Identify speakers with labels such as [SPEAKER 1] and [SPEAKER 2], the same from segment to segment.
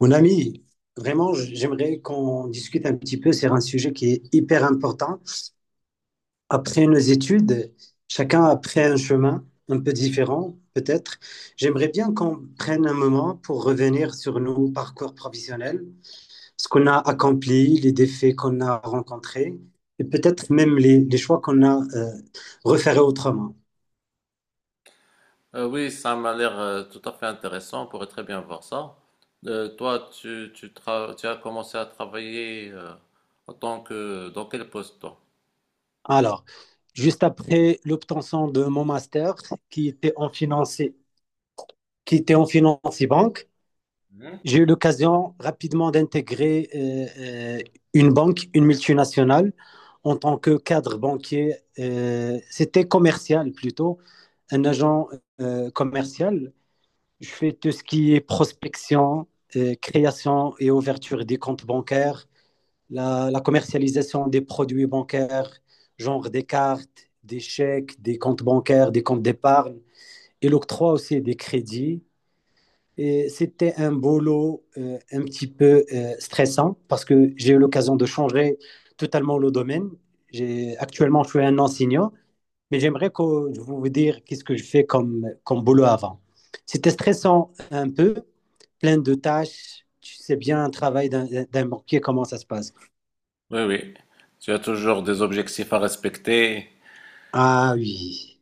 [SPEAKER 1] Mon ami, vraiment, j'aimerais qu'on discute un petit peu sur un sujet qui est hyper important. Après nos études, chacun a pris un chemin un peu différent, peut-être. J'aimerais bien qu'on prenne un moment pour revenir sur nos parcours professionnels, ce qu'on a accompli, les défis qu'on a rencontrés et peut-être même les choix qu'on a refaits autrement.
[SPEAKER 2] Oui, ça m'a l'air tout à fait intéressant. On pourrait très bien voir ça. Toi, tu as commencé à travailler en tant que... Dans quel poste, toi?
[SPEAKER 1] Alors, juste après l'obtention de mon master qui était en finance, qui était en finance et banque,
[SPEAKER 2] Mhm.
[SPEAKER 1] j'ai eu l'occasion rapidement d'intégrer une banque, une multinationale, en tant que cadre banquier. C'était commercial plutôt, un agent commercial. Je fais tout ce qui est prospection, création et ouverture des comptes bancaires, la commercialisation des produits bancaires, genre des cartes, des chèques, des comptes bancaires, des comptes d'épargne, et l'octroi aussi des crédits et c'était un boulot un petit peu stressant parce que j'ai eu l'occasion de changer totalement le domaine. J'ai, actuellement, je suis un enseignant, mais j'aimerais que je vous dire qu'est-ce que je fais comme boulot avant. C'était stressant un peu, plein de tâches. Tu sais bien, un travail d'un banquier, comment ça se passe.
[SPEAKER 2] Oui, oui. Tu as toujours des objectifs à respecter.
[SPEAKER 1] Ah oui.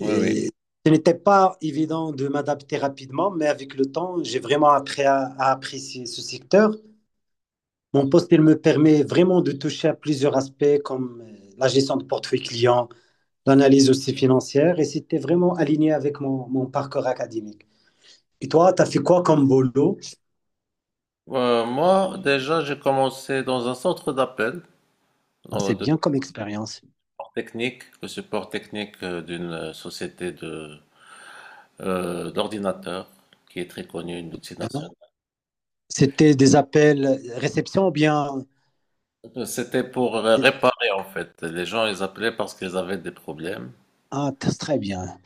[SPEAKER 2] Oui, oui.
[SPEAKER 1] Et ce n'était pas évident de m'adapter rapidement, mais avec le temps, j'ai vraiment appris à apprécier ce secteur. Mon poste, il me permet vraiment de toucher à plusieurs aspects comme la gestion de portefeuille client, l'analyse aussi financière, et c'était vraiment aligné avec mon parcours académique. Et toi, tu as fait quoi comme boulot?
[SPEAKER 2] Moi, déjà, j'ai commencé dans un centre d'appel
[SPEAKER 1] Ah,
[SPEAKER 2] euh,
[SPEAKER 1] c'est
[SPEAKER 2] de
[SPEAKER 1] bien comme expérience.
[SPEAKER 2] support technique, le support technique d'une société de d'ordinateurs qui est très connue, une multinationale.
[SPEAKER 1] Hein. C'était des appels, réception ou bien...
[SPEAKER 2] C'était pour
[SPEAKER 1] euh,
[SPEAKER 2] réparer en fait. Les gens ils appelaient parce qu'ils avaient des problèmes.
[SPEAKER 1] Ah, très bien.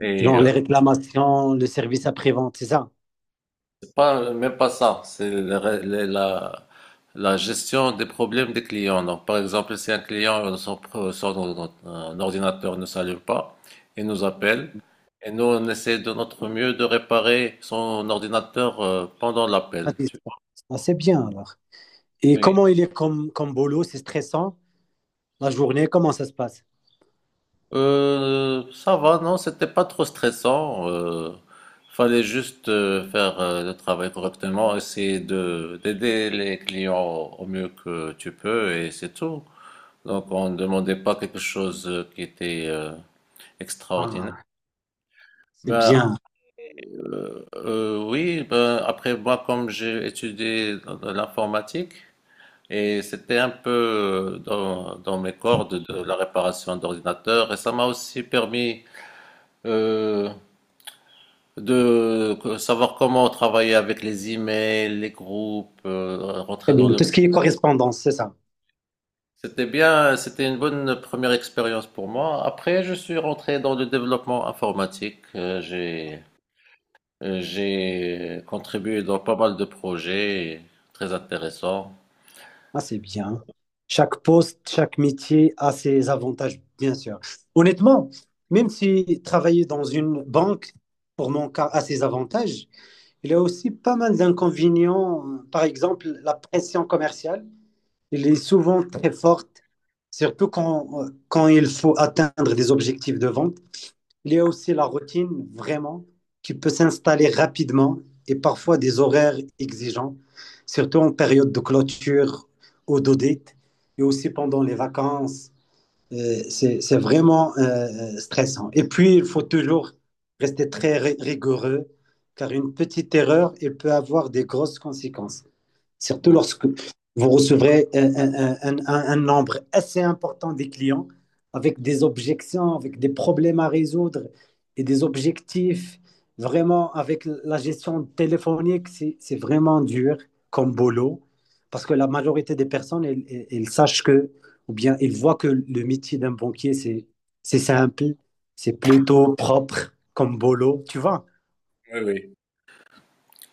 [SPEAKER 2] Et
[SPEAKER 1] Genre les réclamations, le service après-vente, c'est ça?
[SPEAKER 2] c'est pas même pas ça, c'est le ré- le- la gestion des problèmes des clients. Donc par exemple, si un client un ordinateur ne s'allume pas, il nous appelle et nous on essaie de notre mieux de réparer son ordinateur pendant
[SPEAKER 1] À
[SPEAKER 2] l'appel. Tu
[SPEAKER 1] distance.
[SPEAKER 2] vois.
[SPEAKER 1] Ah, c'est bien alors. Et
[SPEAKER 2] Oui.
[SPEAKER 1] comment il est comme, comme boulot? C'est stressant la journée? Comment ça se passe?
[SPEAKER 2] Ça va, non, c'était pas trop stressant. Fallait juste faire le travail correctement, essayer de d'aider les clients au mieux que tu peux, et c'est tout. Donc on ne demandait pas quelque chose qui était extraordinaire.
[SPEAKER 1] Ah, c'est
[SPEAKER 2] Ben,
[SPEAKER 1] bien.
[SPEAKER 2] oui, ben, après moi, comme j'ai étudié dans l'informatique, et c'était un peu dans mes cordes de la réparation d'ordinateurs, et ça m'a aussi permis euh, savoir comment travailler avec les emails, les groupes,
[SPEAKER 1] C'est
[SPEAKER 2] rentrer dans
[SPEAKER 1] bien.
[SPEAKER 2] le...
[SPEAKER 1] Tout ce qui est correspondance, c'est ça.
[SPEAKER 2] C'était bien, c'était une bonne première expérience pour moi. Après, je suis rentré dans le développement informatique. J'ai contribué dans pas mal de projets très intéressants.
[SPEAKER 1] Ah, c'est bien. Chaque poste, chaque métier a ses avantages, bien sûr. Honnêtement, même si travailler dans une banque, pour mon cas, a ses avantages, il y a aussi pas mal d'inconvénients. Par exemple, la pression commerciale, elle est souvent très forte, surtout quand, quand il faut atteindre des objectifs de vente. Il y a aussi la routine, vraiment, qui peut s'installer rapidement et parfois des horaires exigeants, surtout en période de clôture ou d'audit et aussi pendant les vacances. C'est vraiment stressant. Et puis, il faut toujours rester très rigoureux car une petite erreur, elle peut avoir des grosses conséquences. Surtout
[SPEAKER 2] Oui,
[SPEAKER 1] lorsque vous recevrez un nombre assez important des clients avec des objections, avec des problèmes à résoudre et des objectifs. Vraiment, avec la gestion téléphonique, c'est vraiment dur comme boulot parce que la majorité des personnes, elles, elles sachent que, ou bien elles voient que le métier d'un banquier, c'est simple, c'est plutôt propre comme boulot, tu vois.
[SPEAKER 2] oui.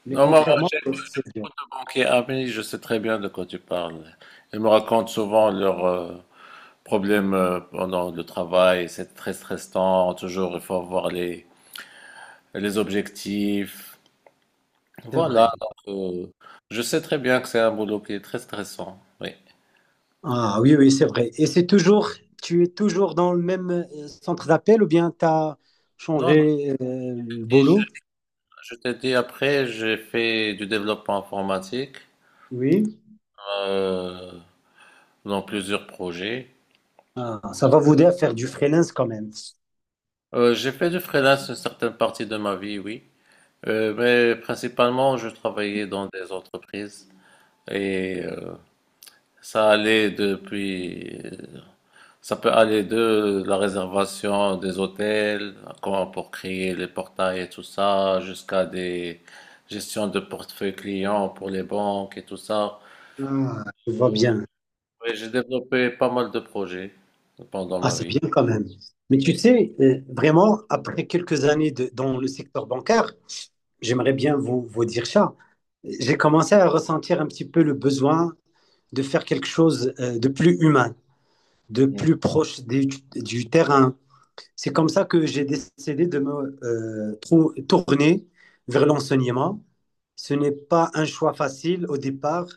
[SPEAKER 1] Mais
[SPEAKER 2] Non, moi,
[SPEAKER 1] contrairement,
[SPEAKER 2] j'ai
[SPEAKER 1] c'est dur,
[SPEAKER 2] beaucoup de banquiers amis, je sais très bien de quoi tu parles. Ils me racontent souvent leurs problèmes pendant le travail, c'est très stressant, toujours il faut avoir les objectifs.
[SPEAKER 1] c'est
[SPEAKER 2] Voilà.
[SPEAKER 1] vrai.
[SPEAKER 2] Donc, je sais très bien que c'est un boulot qui est très stressant. Oui.
[SPEAKER 1] Ah oui, oui, c'est vrai. Et c'est toujours, tu es toujours dans le même centre d'appel ou bien tu as
[SPEAKER 2] Non, non,
[SPEAKER 1] changé le boulot?
[SPEAKER 2] je t'ai dit après, j'ai fait du développement informatique
[SPEAKER 1] Oui.
[SPEAKER 2] euh, dans plusieurs projets.
[SPEAKER 1] Ah, ça va vous aider à faire du freelance quand même.
[SPEAKER 2] J'ai fait du freelance une certaine partie de ma vie, oui. Mais principalement, je travaillais dans des entreprises et ça allait depuis ça peut aller de la réservation des hôtels, comment pour créer les portails et tout ça, jusqu'à des gestions de portefeuille client pour les banques et tout ça.
[SPEAKER 1] Ah, je vois bien.
[SPEAKER 2] Oui, j'ai développé pas mal de projets pendant
[SPEAKER 1] Ah,
[SPEAKER 2] ma
[SPEAKER 1] c'est
[SPEAKER 2] vie.
[SPEAKER 1] bien quand même. Mais tu
[SPEAKER 2] Oui.
[SPEAKER 1] sais, vraiment, après quelques années dans le secteur bancaire, j'aimerais bien vous, vous dire ça. J'ai commencé à ressentir un petit peu le besoin de faire quelque chose de plus humain, de plus proche du terrain. C'est comme ça que j'ai décidé de me tourner vers l'enseignement. Ce n'est pas un choix facile au départ,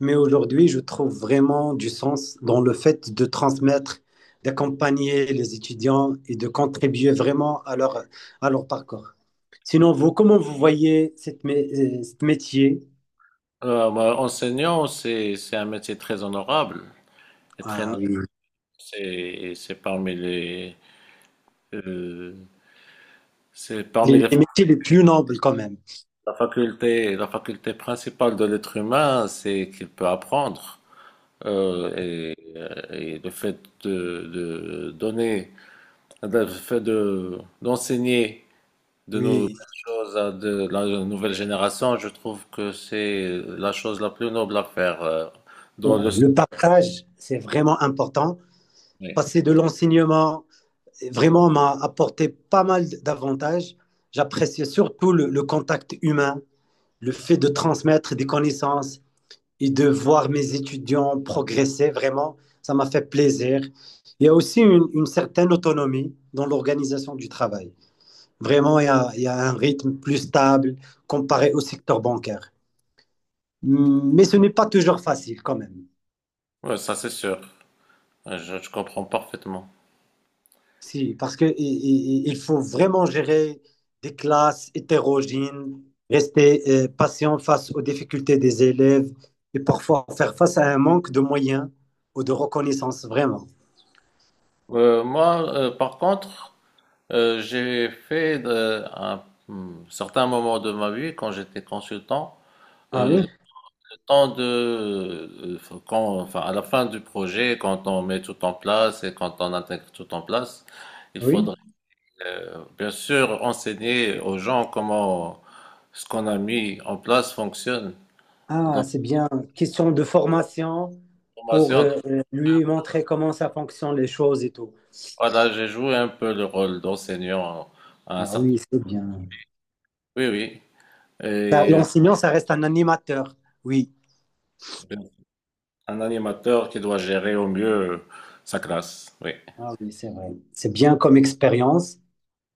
[SPEAKER 1] mais aujourd'hui, je trouve vraiment du sens dans le fait de transmettre, d'accompagner les étudiants et de contribuer vraiment à leur parcours. Sinon, vous, comment vous voyez ce métier?
[SPEAKER 2] Enseignant, c'est un métier très honorable et très
[SPEAKER 1] Ah
[SPEAKER 2] noble.
[SPEAKER 1] oui,
[SPEAKER 2] C'est parmi les euh, c'est parmi
[SPEAKER 1] les métiers les plus nobles quand même.
[SPEAKER 2] la faculté principale de l'être humain, c'est qu'il peut apprendre. Euh, et, et le fait de donner, le fait de, d'enseigner de nouvelles
[SPEAKER 1] Oui,
[SPEAKER 2] choses à de la nouvelle génération, je trouve que c'est la chose la plus noble à faire
[SPEAKER 1] c'est
[SPEAKER 2] dans le
[SPEAKER 1] vrai. Le partage, c'est vraiment important.
[SPEAKER 2] sommet.
[SPEAKER 1] Passer de l'enseignement vraiment m'a apporté pas mal d'avantages. J'appréciais surtout le contact humain, le fait de transmettre des connaissances et de voir mes étudiants progresser, vraiment, ça m'a fait plaisir. Il y a aussi une certaine autonomie dans l'organisation du travail. Vraiment, il y a un rythme plus stable comparé au secteur bancaire. Mais ce n'est pas toujours facile quand même.
[SPEAKER 2] Ouais, ça c'est sûr. Ouais, je comprends parfaitement.
[SPEAKER 1] Si, parce que il faut vraiment gérer des classes hétérogènes, rester patient face aux difficultés des élèves et parfois faire face à un manque de moyens ou de reconnaissance, vraiment.
[SPEAKER 2] Par contre, j'ai fait de- un certain moment de ma vie, quand j'étais consultant,
[SPEAKER 1] Ah
[SPEAKER 2] euh,
[SPEAKER 1] oui,
[SPEAKER 2] temps de, quand, enfin, à la fin du projet, quand on met tout en place et quand on intègre tout en place, il
[SPEAKER 1] oui.
[SPEAKER 2] faudrait bien sûr enseigner aux gens comment ce qu'on a mis en place fonctionne. Dans
[SPEAKER 1] Ah,
[SPEAKER 2] la
[SPEAKER 1] c'est bien. Question de formation pour
[SPEAKER 2] formation,
[SPEAKER 1] lui montrer comment ça fonctionne les choses et tout.
[SPEAKER 2] voilà, j'ai joué un peu le rôle d'enseignant à un
[SPEAKER 1] Ah
[SPEAKER 2] certain.
[SPEAKER 1] oui, c'est bien.
[SPEAKER 2] Oui, oui.
[SPEAKER 1] Ça,
[SPEAKER 2] Et
[SPEAKER 1] l'enseignant, ça reste un animateur. Oui.
[SPEAKER 2] un animateur qui doit gérer au mieux sa classe. Oui.
[SPEAKER 1] Ah oui, c'est vrai. C'est bien comme expérience.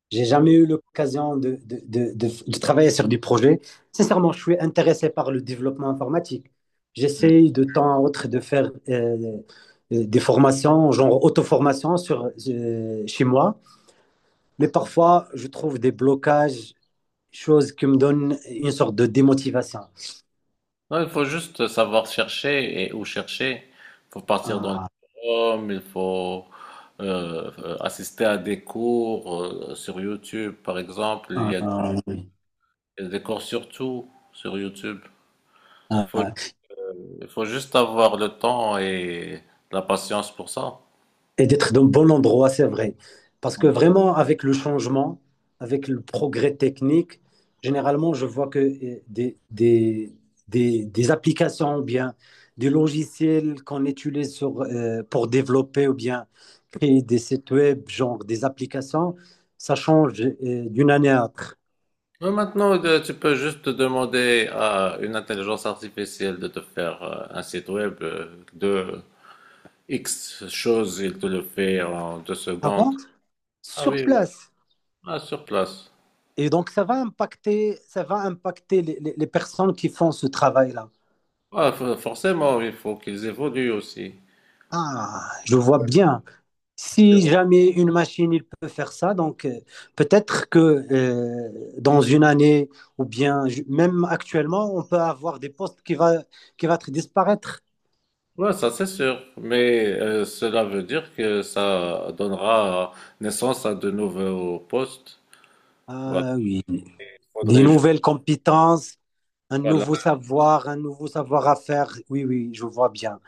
[SPEAKER 1] J'ai jamais eu l'occasion de travailler sur des projets. Sincèrement, je suis intéressé par le développement informatique. J'essaye de temps à autre de faire des formations, genre auto-formation sur, chez moi. Mais parfois, je trouve des blocages, choses qui me donnent une sorte de démotivation.
[SPEAKER 2] Non, il faut juste savoir chercher et où chercher. Il faut partir dans les
[SPEAKER 1] Ah,
[SPEAKER 2] forums, il faut assister à des cours sur YouTube, par exemple.
[SPEAKER 1] ah, ah, oui.
[SPEAKER 2] Il y a des cours sur tout sur YouTube. Il
[SPEAKER 1] Ah.
[SPEAKER 2] faut,
[SPEAKER 1] Ah.
[SPEAKER 2] il faut juste avoir le temps et la patience pour ça.
[SPEAKER 1] Et d'être dans le bon endroit, c'est vrai. Parce que vraiment, avec le changement, avec le progrès technique, généralement, je vois que des applications ou bien des logiciels qu'on utilise sur, pour développer ou bien créer des sites web, genre des applications, ça change d'une année à l'autre.
[SPEAKER 2] Mais maintenant, tu peux juste demander à une intelligence artificielle de te faire un site web de X choses, il te le fait en deux
[SPEAKER 1] Avant,
[SPEAKER 2] secondes. Ah
[SPEAKER 1] sur
[SPEAKER 2] oui, oui.
[SPEAKER 1] place.
[SPEAKER 2] Ah, sur place.
[SPEAKER 1] Et donc, ça va impacter les, les personnes qui font ce travail-là.
[SPEAKER 2] Ah, forcément, il faut qu'ils évoluent aussi.
[SPEAKER 1] Ah, je vois bien. Si jamais une machine il peut faire ça, donc peut-être que dans une année ou bien même actuellement, on peut avoir des postes qui va disparaître.
[SPEAKER 2] Ouais, ça c'est sûr, mais cela veut dire que ça donnera naissance à de nouveaux postes. Voilà,
[SPEAKER 1] Ah oui,
[SPEAKER 2] il
[SPEAKER 1] des
[SPEAKER 2] faudrait ju-
[SPEAKER 1] nouvelles compétences,
[SPEAKER 2] voilà.
[SPEAKER 1] un nouveau savoir à faire. Oui, oui, je vois bien.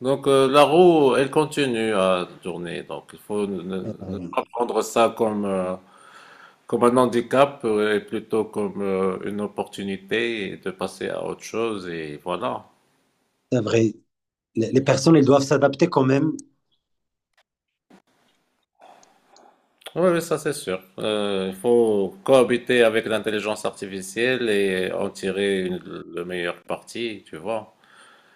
[SPEAKER 2] Donc la roue, elle continue à tourner. Donc il faut ne
[SPEAKER 1] Euh,
[SPEAKER 2] pas prendre ça comme comme un handicap et plutôt comme une opportunité de passer à autre chose et voilà.
[SPEAKER 1] C'est vrai. Les personnes, elles doivent s'adapter quand même.
[SPEAKER 2] Oui, oui, ça c'est sûr. Il faut cohabiter avec l'intelligence artificielle et en tirer le meilleur parti, tu vois.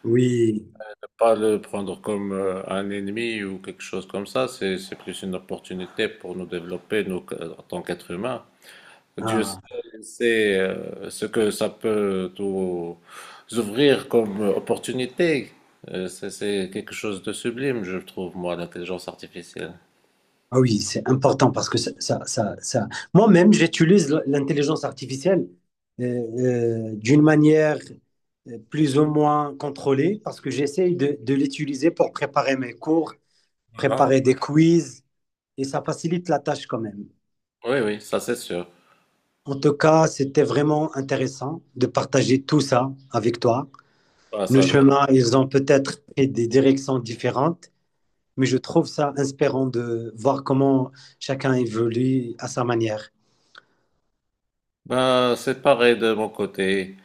[SPEAKER 1] Oui.
[SPEAKER 2] Pas le prendre comme un ennemi ou quelque chose comme ça, c'est plus une opportunité pour nous développer, nous, en tant qu'êtres humains. Dieu sait
[SPEAKER 1] Ah.
[SPEAKER 2] sait, euh, ce que ça peut nous ouvrir comme opportunité. C'est quelque chose de sublime, je trouve, moi, l'intelligence artificielle.
[SPEAKER 1] Ah oui, c'est important parce que moi-même, j'utilise l'intelligence artificielle euh, d'une manière plus ou moins contrôlée parce que j'essaye de l'utiliser pour préparer mes cours, préparer des quiz et ça facilite la tâche quand même.
[SPEAKER 2] Oui, oui, ça c'est sûr.
[SPEAKER 1] En tout cas, c'était vraiment intéressant de partager tout ça avec toi.
[SPEAKER 2] Ah,
[SPEAKER 1] Nos
[SPEAKER 2] ça.
[SPEAKER 1] chemins, ils ont peut-être pris des directions différentes, mais je trouve ça inspirant de voir comment chacun évolue à sa manière.
[SPEAKER 2] Ben, c'est pareil de mon côté.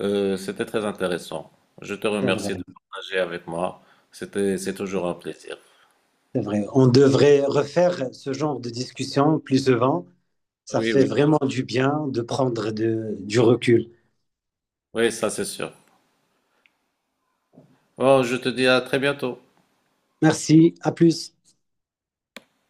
[SPEAKER 2] C'était très intéressant. Je te
[SPEAKER 1] C'est vrai.
[SPEAKER 2] remercie de partager avec moi. C'est toujours un plaisir.
[SPEAKER 1] C'est vrai. On devrait refaire ce genre de discussion plus souvent. Ça
[SPEAKER 2] Oui,
[SPEAKER 1] fait
[SPEAKER 2] oui.
[SPEAKER 1] vraiment du bien de prendre du recul.
[SPEAKER 2] Oui, ça c'est sûr. Bon, je te dis à très bientôt.
[SPEAKER 1] Merci, à plus.